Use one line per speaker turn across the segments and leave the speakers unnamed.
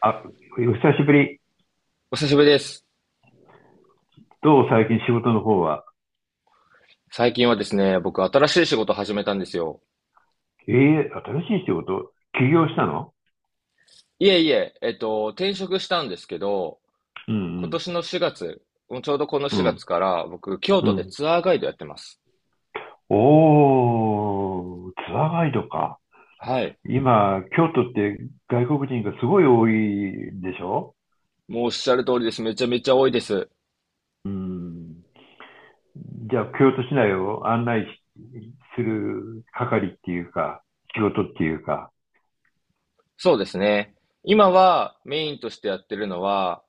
あ、お久しぶり。
お久しぶりです。
どう最近仕事の方は？
最近はですね、僕新しい仕事を始めたんですよ。
ええ、新しい仕事起業したの？
いえいえ、転職したんですけど、
う
今
ん
年の4月、もうちょうどこの
うん。う
4
ん。
月から僕、京
う
都で
ん。
ツアーガイドやってます。
おー、ツアーガイドか。
はい。
今、京都って外国人がすごい多いんでしょ？
もうおっしゃる通りです。めちゃめちゃ多いです。
うん。じゃあ、京都市内を案内する係っていうか、仕事っていうか。
そうですね。今はメインとしてやってるのは、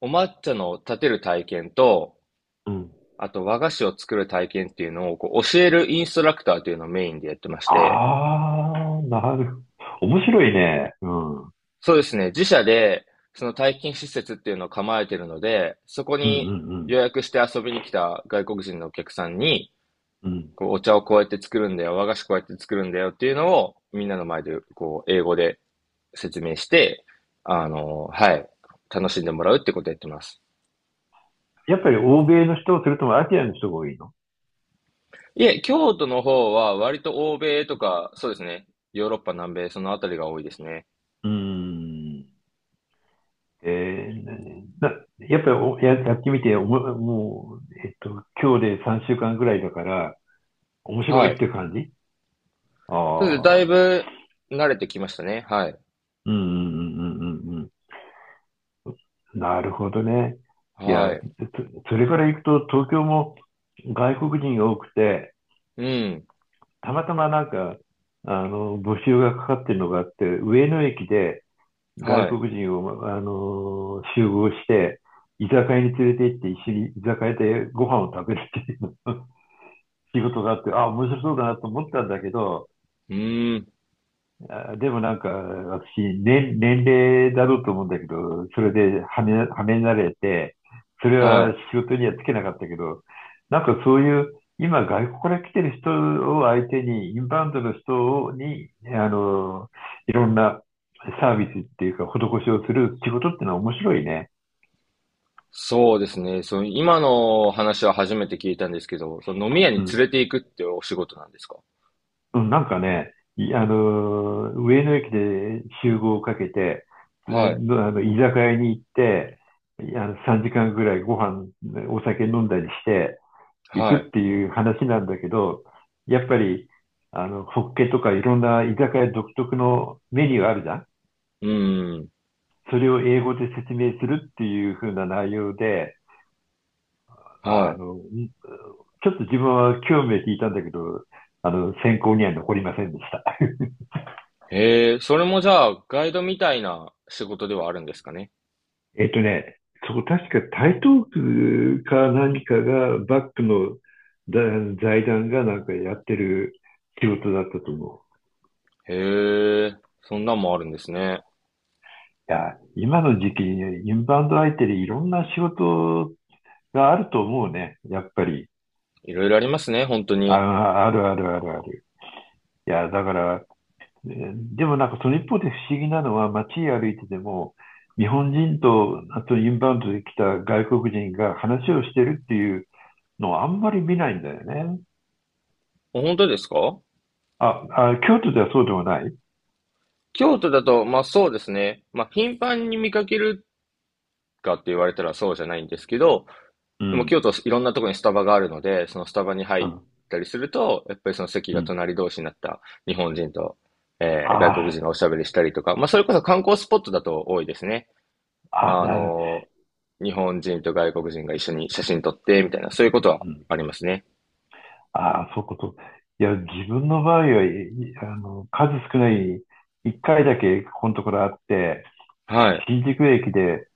お抹茶の立てる体験と、
うん。
あと和菓子を作る体験っていうのをこう教えるインストラクターというのをメインでやってまして、
あー、なる。面白いね。うん。うん
そうですね。自社で、その体験施設っていうのを構えてるので、そこ
うんう
に
ん。
予約して遊びに来た外国人のお客さんに、
うん。
こう、お茶をこうやって作るんだよ、和菓子こうやって作るんだよっていうのを、みんなの前で、こう、英語で説明して、はい、楽しんでもらうってことをやってます。
やっぱり欧米の人、それともアジアの人が多いの？
いえ、京都の方は割と欧米とか、そうですね。ヨーロッパ、南米、そのあたりが多いですね。
うーん。えーなやっぱりやってみておも、もう、えっと、今日で3週間ぐらいだから、面白
は
い
い。
っていう感じ？
そうです。だい
ああ、
ぶ慣れてきましたね。はい。
うんうんうんうんうんうん。なるほどね。い
は
や、
い。
それから行くと、東京も外国人が多くて、
うん。
たまたまなんか、募集がかかってるのがあって、上野駅で、外
はい。
国人を、集合して、居酒屋に連れて行って、一緒に居酒屋でご飯を食べるっていうの 仕事があって、あ、面白そうだなと思ったんだけど、
うーん。
あでもなんか、私、年齢だろうと思うんだけど、それではめられて、それ
は
は
い。
仕事にはつけなかったけど、なんかそういう、今外国から来てる人を相手に、インバウンドの人に、あの、いろんなサービスっていうか、施しをする仕事っていうのは面白いね。
そうですね。その今の話は初めて聞いたんですけど、その飲み屋に
うん。
連れて行くってお仕事なんですか？
うん、なんかね、いあのー、上野駅で集合をかけて、え
はい。
ー居酒屋に行って、いあの、3時間ぐらいご飯、お酒飲んだりして行くっ
はい。
ていう話なんだけど、やっぱり、ホッケとかいろんな居酒屋独特のメニューあるじゃん？
うん。
それを英語で説明するっていう風な内容で、あ
は
の、ちょっと自分は興味を引いたんだけど、選考には残りませんでした。
い。へえ、それもじゃあガイドみたいな仕事ではあるんですかね。
ね、そこ確か台東区か何かがバックのだ財団がなんかやってる仕事だったと思
へえ、そんなんもあるんですね。
う。いや、今の時期にねインバウンド相手でいろんな仕事があると思うね。やっぱり。
いろいろありますね、本当に。
あ、あるあるあるある。いや、だから、でもなんかその一方で不思議なのは街歩いてても、日本人と、あとインバウンドで来た外国人が話をしてるっていうのをあんまり見ないんだよね。
本当ですか？
あ、あ、京都ではそうでもない？
京都だと、まあそうですね。まあ頻繁に見かけるかって言われたらそうじゃないんですけど、
う
でも京
ん。
都いろんなところにスタバがあるので、そのスタバに入
う
っ
ん。
たりすると、やっぱりその席
う
が
ん。
隣同士になった日本人と、外国
あ
人がおしゃべりしたりとか、まあそれこそ観光スポットだと多いですね。
あ、あ、
あ
なる。
のー、日本人と外国人が一緒に写真撮ってみたいな、そういうこと
う
は
ん。
ありますね。
ああ、そういうこと。いや、自分の場合数少ない、一回だけここのところあって、
はい、
新宿駅で、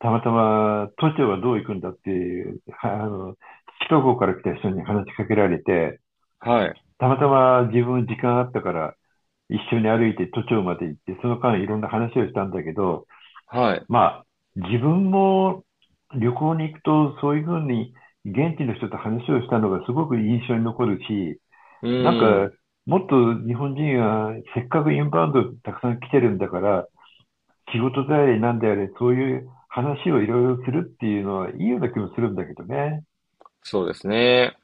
たまたま都庁はどう行くんだっていう、首都高から来た人に話しかけられて、
はい、
たまたま自分時間あったから、一緒に歩いて都庁まで行って、その間いろんな話をしたんだけど、
はい。
まあ、自分も旅行に行くと、そういうふうに現地の人と話をしたのがすごく印象に残るし、
う
なん
ー
か、
ん、
もっと日本人はせっかくインバウンドたくさん来てるんだから、仕事であれなんであれ、そういう話をいろいろするっていうのはいいような気もするんだけどね。
そうですね。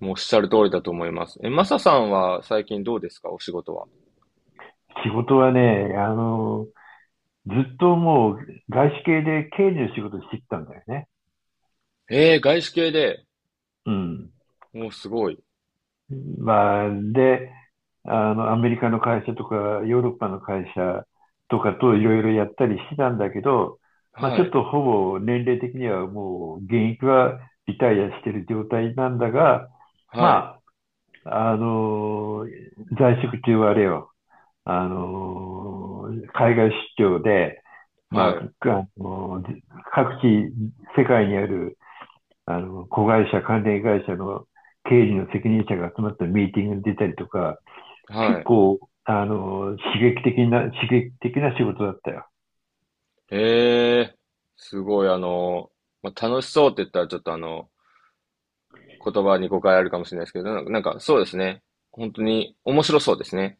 もうおっしゃる通りだと思います。え、マサさんは最近どうですか、お仕事は。
仕事はね、ずっともう外資系で経理の仕事してきたんだよね。
えー、外資系で。
うん。
もうすごい。
まあ、で、アメリカの会社とか、ヨーロッパの会社とかといろいろやったりしてたんだけど、まあ、ち
は
ょっ
い、
とほぼ年齢的にはもう現役はリタイアしてる状態なんだが、
はい、
まあ、在職中はあれよ、あの、海外出張で、ま
は
あ、
い、
各地、世界にある子会社、関連会社の経理の責任者が集まったミーティングに出たりとか、
は
結
い。
構、刺激的な仕事だったよ。
へえ、すごい、あの、まあ、楽しそうって言ったらちょっとあの、言葉に誤解あるかもしれないですけど、なんか、なんかそうですね。本当に面白そうですね。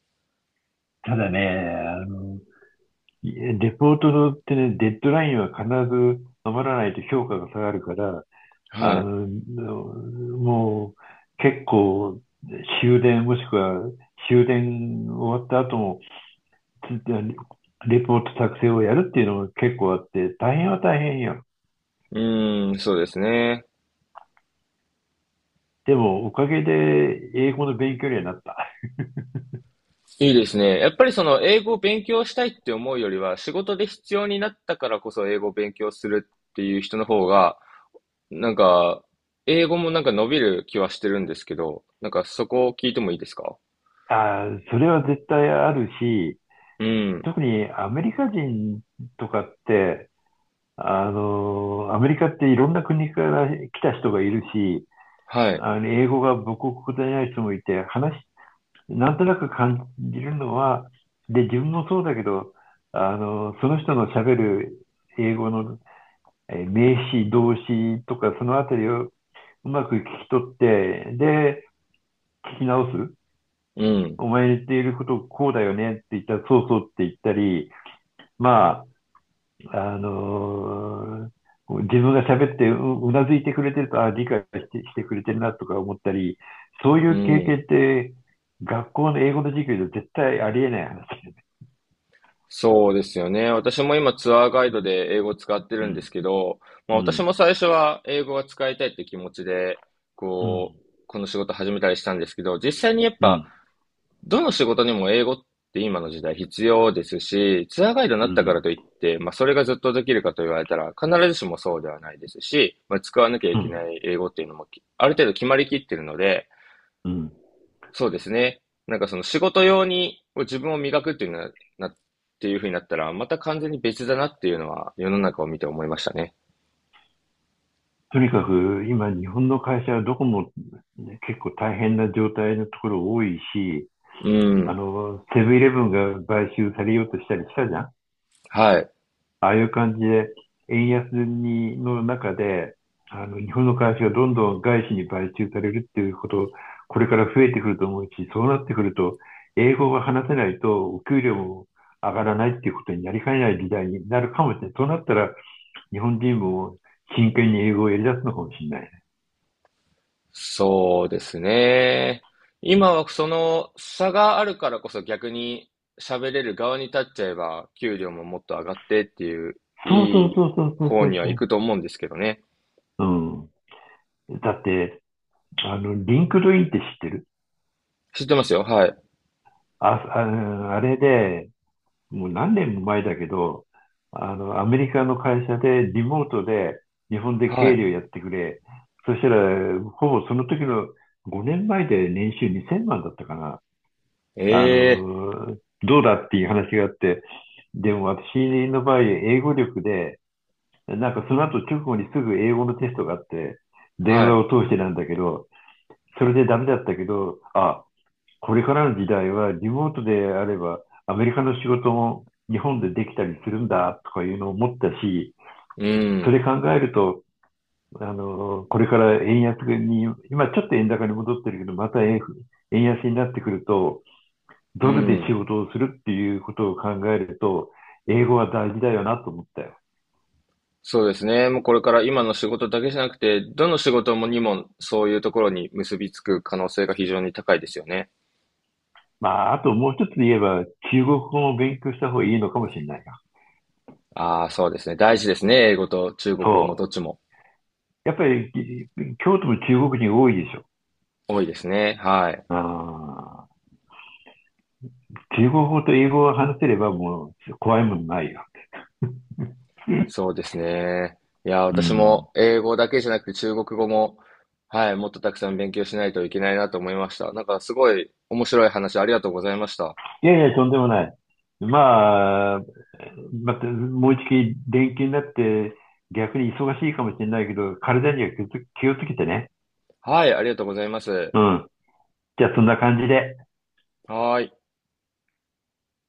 ただね、あの、レポートってね、デッドラインは必ず守らないと評価が下がるから、
は
あ
い。
の、もう結構終電もしくは終電終わった後も、レポート作成をやるっていうのも結構あって、大変は大変よ。
うーん、そうですね。
でも、おかげで英語の勉強にはなった。
いいですね。やっぱりその英語を勉強したいって思うよりは、仕事で必要になったからこそ英語を勉強するっていう人の方が、なんか、英語もなんか伸びる気はしてるんですけど、なんかそこを聞いてもいいですか？
あー、それは絶対あるし、
うん。
特にアメリカ人とかって、アメリカっていろんな国から来た人がいるし、
はい。
英語が母国語でない人もいて、なんとなく感じるのは、で、自分もそうだけど、その人の喋る英語の名詞、動詞とか、そのあたりをうまく聞き取って、で、聞き直す。
うん。
お前言っていることこうだよねって言ったら、そうそうって言ったり、まあ、自分が喋ってうなずいてくれてると、あ理解してくれてるなとか思ったり、そうい
う
う経
ん。
験って、学校の英語の授業で絶対ありえない話だよね。
そうですよね。私も今ツアーガイドで英語を使って
う
るんで
ん、
すけど、ま
う
あ、私
ん、
も最初は英語が使いたいって気持ちで、
う
こ
ん、
う、この仕事始めたりしたんですけど、実際にやっ
う
ぱ、
ん、
どの仕事にも英語って今の時代必要ですし、ツアーガイドに
う
なったか
ん、
らといって、まあ、それがずっとできるかと言われたら、必ずしもそうではないですし、まあ、使わなきゃい
う
けな
ん、
い英語っていうのもきある程度決まりきってるので、
うん。
そうですね。なんかその仕事用に自分を磨くっていうのはな、っていうふうになったら、また完全に別だなっていうのは世の中を見て思いましたね。
とにかく、今、日本の会社はどこも、ね結構大変な状態のところ多いし、
うん。
セブンイレブンが買収されようとしたりしたじゃん？
はい。
ああいう感じで、円安にの中で、日本の会社がどんどん外資に買収されるっていうこと、これから増えてくると思うし、そうなってくると、英語が話せないと、お給料も上がらないっていうことになりかねない時代になるかもしれない。そうなったら、日本人も真剣に英語をやり出すのかもしれないね。
そうですね。今はその差があるからこそ逆に喋れる側に立っちゃえば、給料ももっと上がってっていう、
そうそ
い
う
い
そうそうそう
方
そう
には行
そ
くと思うんですけどね。
う。うん。だって、リンクドインって知ってる？
知ってますよ。はい。
あ、ああれで、もう何年も前だけど、アメリカの会社でリモートで日本で
は
経
い。
理をやってくれ。そしたら、ほぼその時の5年前で年収2000万だったかな。
ええ、
どうだっていう話があって、でも私の場合、英語力で、なんかその後直後にすぐ英語のテストがあって、電
は
話
い。
を通してなんだけど、それでダメだったけど、あ、これからの時代はリモートであればアメリカの仕事も日本でできたりするんだとかいうのを思ったし、
う
そ
ん。
れ考えると、これから円安に、今ちょっと円高に戻ってるけど、また円安になってくると、
う
ドルで仕
ん。
事をするっていうことを考えると、英語は大事だよなと思ったよ。
そうですね。もうこれから今の仕事だけじゃなくて、どの仕事もにもそういうところに結びつく可能性が非常に高いですよね。
まあ、あともう一つ言えば、中国語を勉強した方がいいのかもしれないな。
ああ、そうですね。大事ですね。英語と中国語も
そ
どっ
う。
ちも
やっぱり、京都も中国人多いでしょ？
多いですね。はい。
あー中国語と英語を話せればもう怖いもんないよ。
そうですね。いや、
う
私
ん。
も英語だけじゃなくて中国語も、はい、もっとたくさん勉強しないといけないなと思いました。なんかすごい面白い話ありがとうございました。
いやいや、とんでもない。まあ、また、もう一回連休になって逆に忙しいかもしれないけど、体には気をつけてね。
はい、ありがとうございます。
うん。じゃあそんな感じで。
はーい。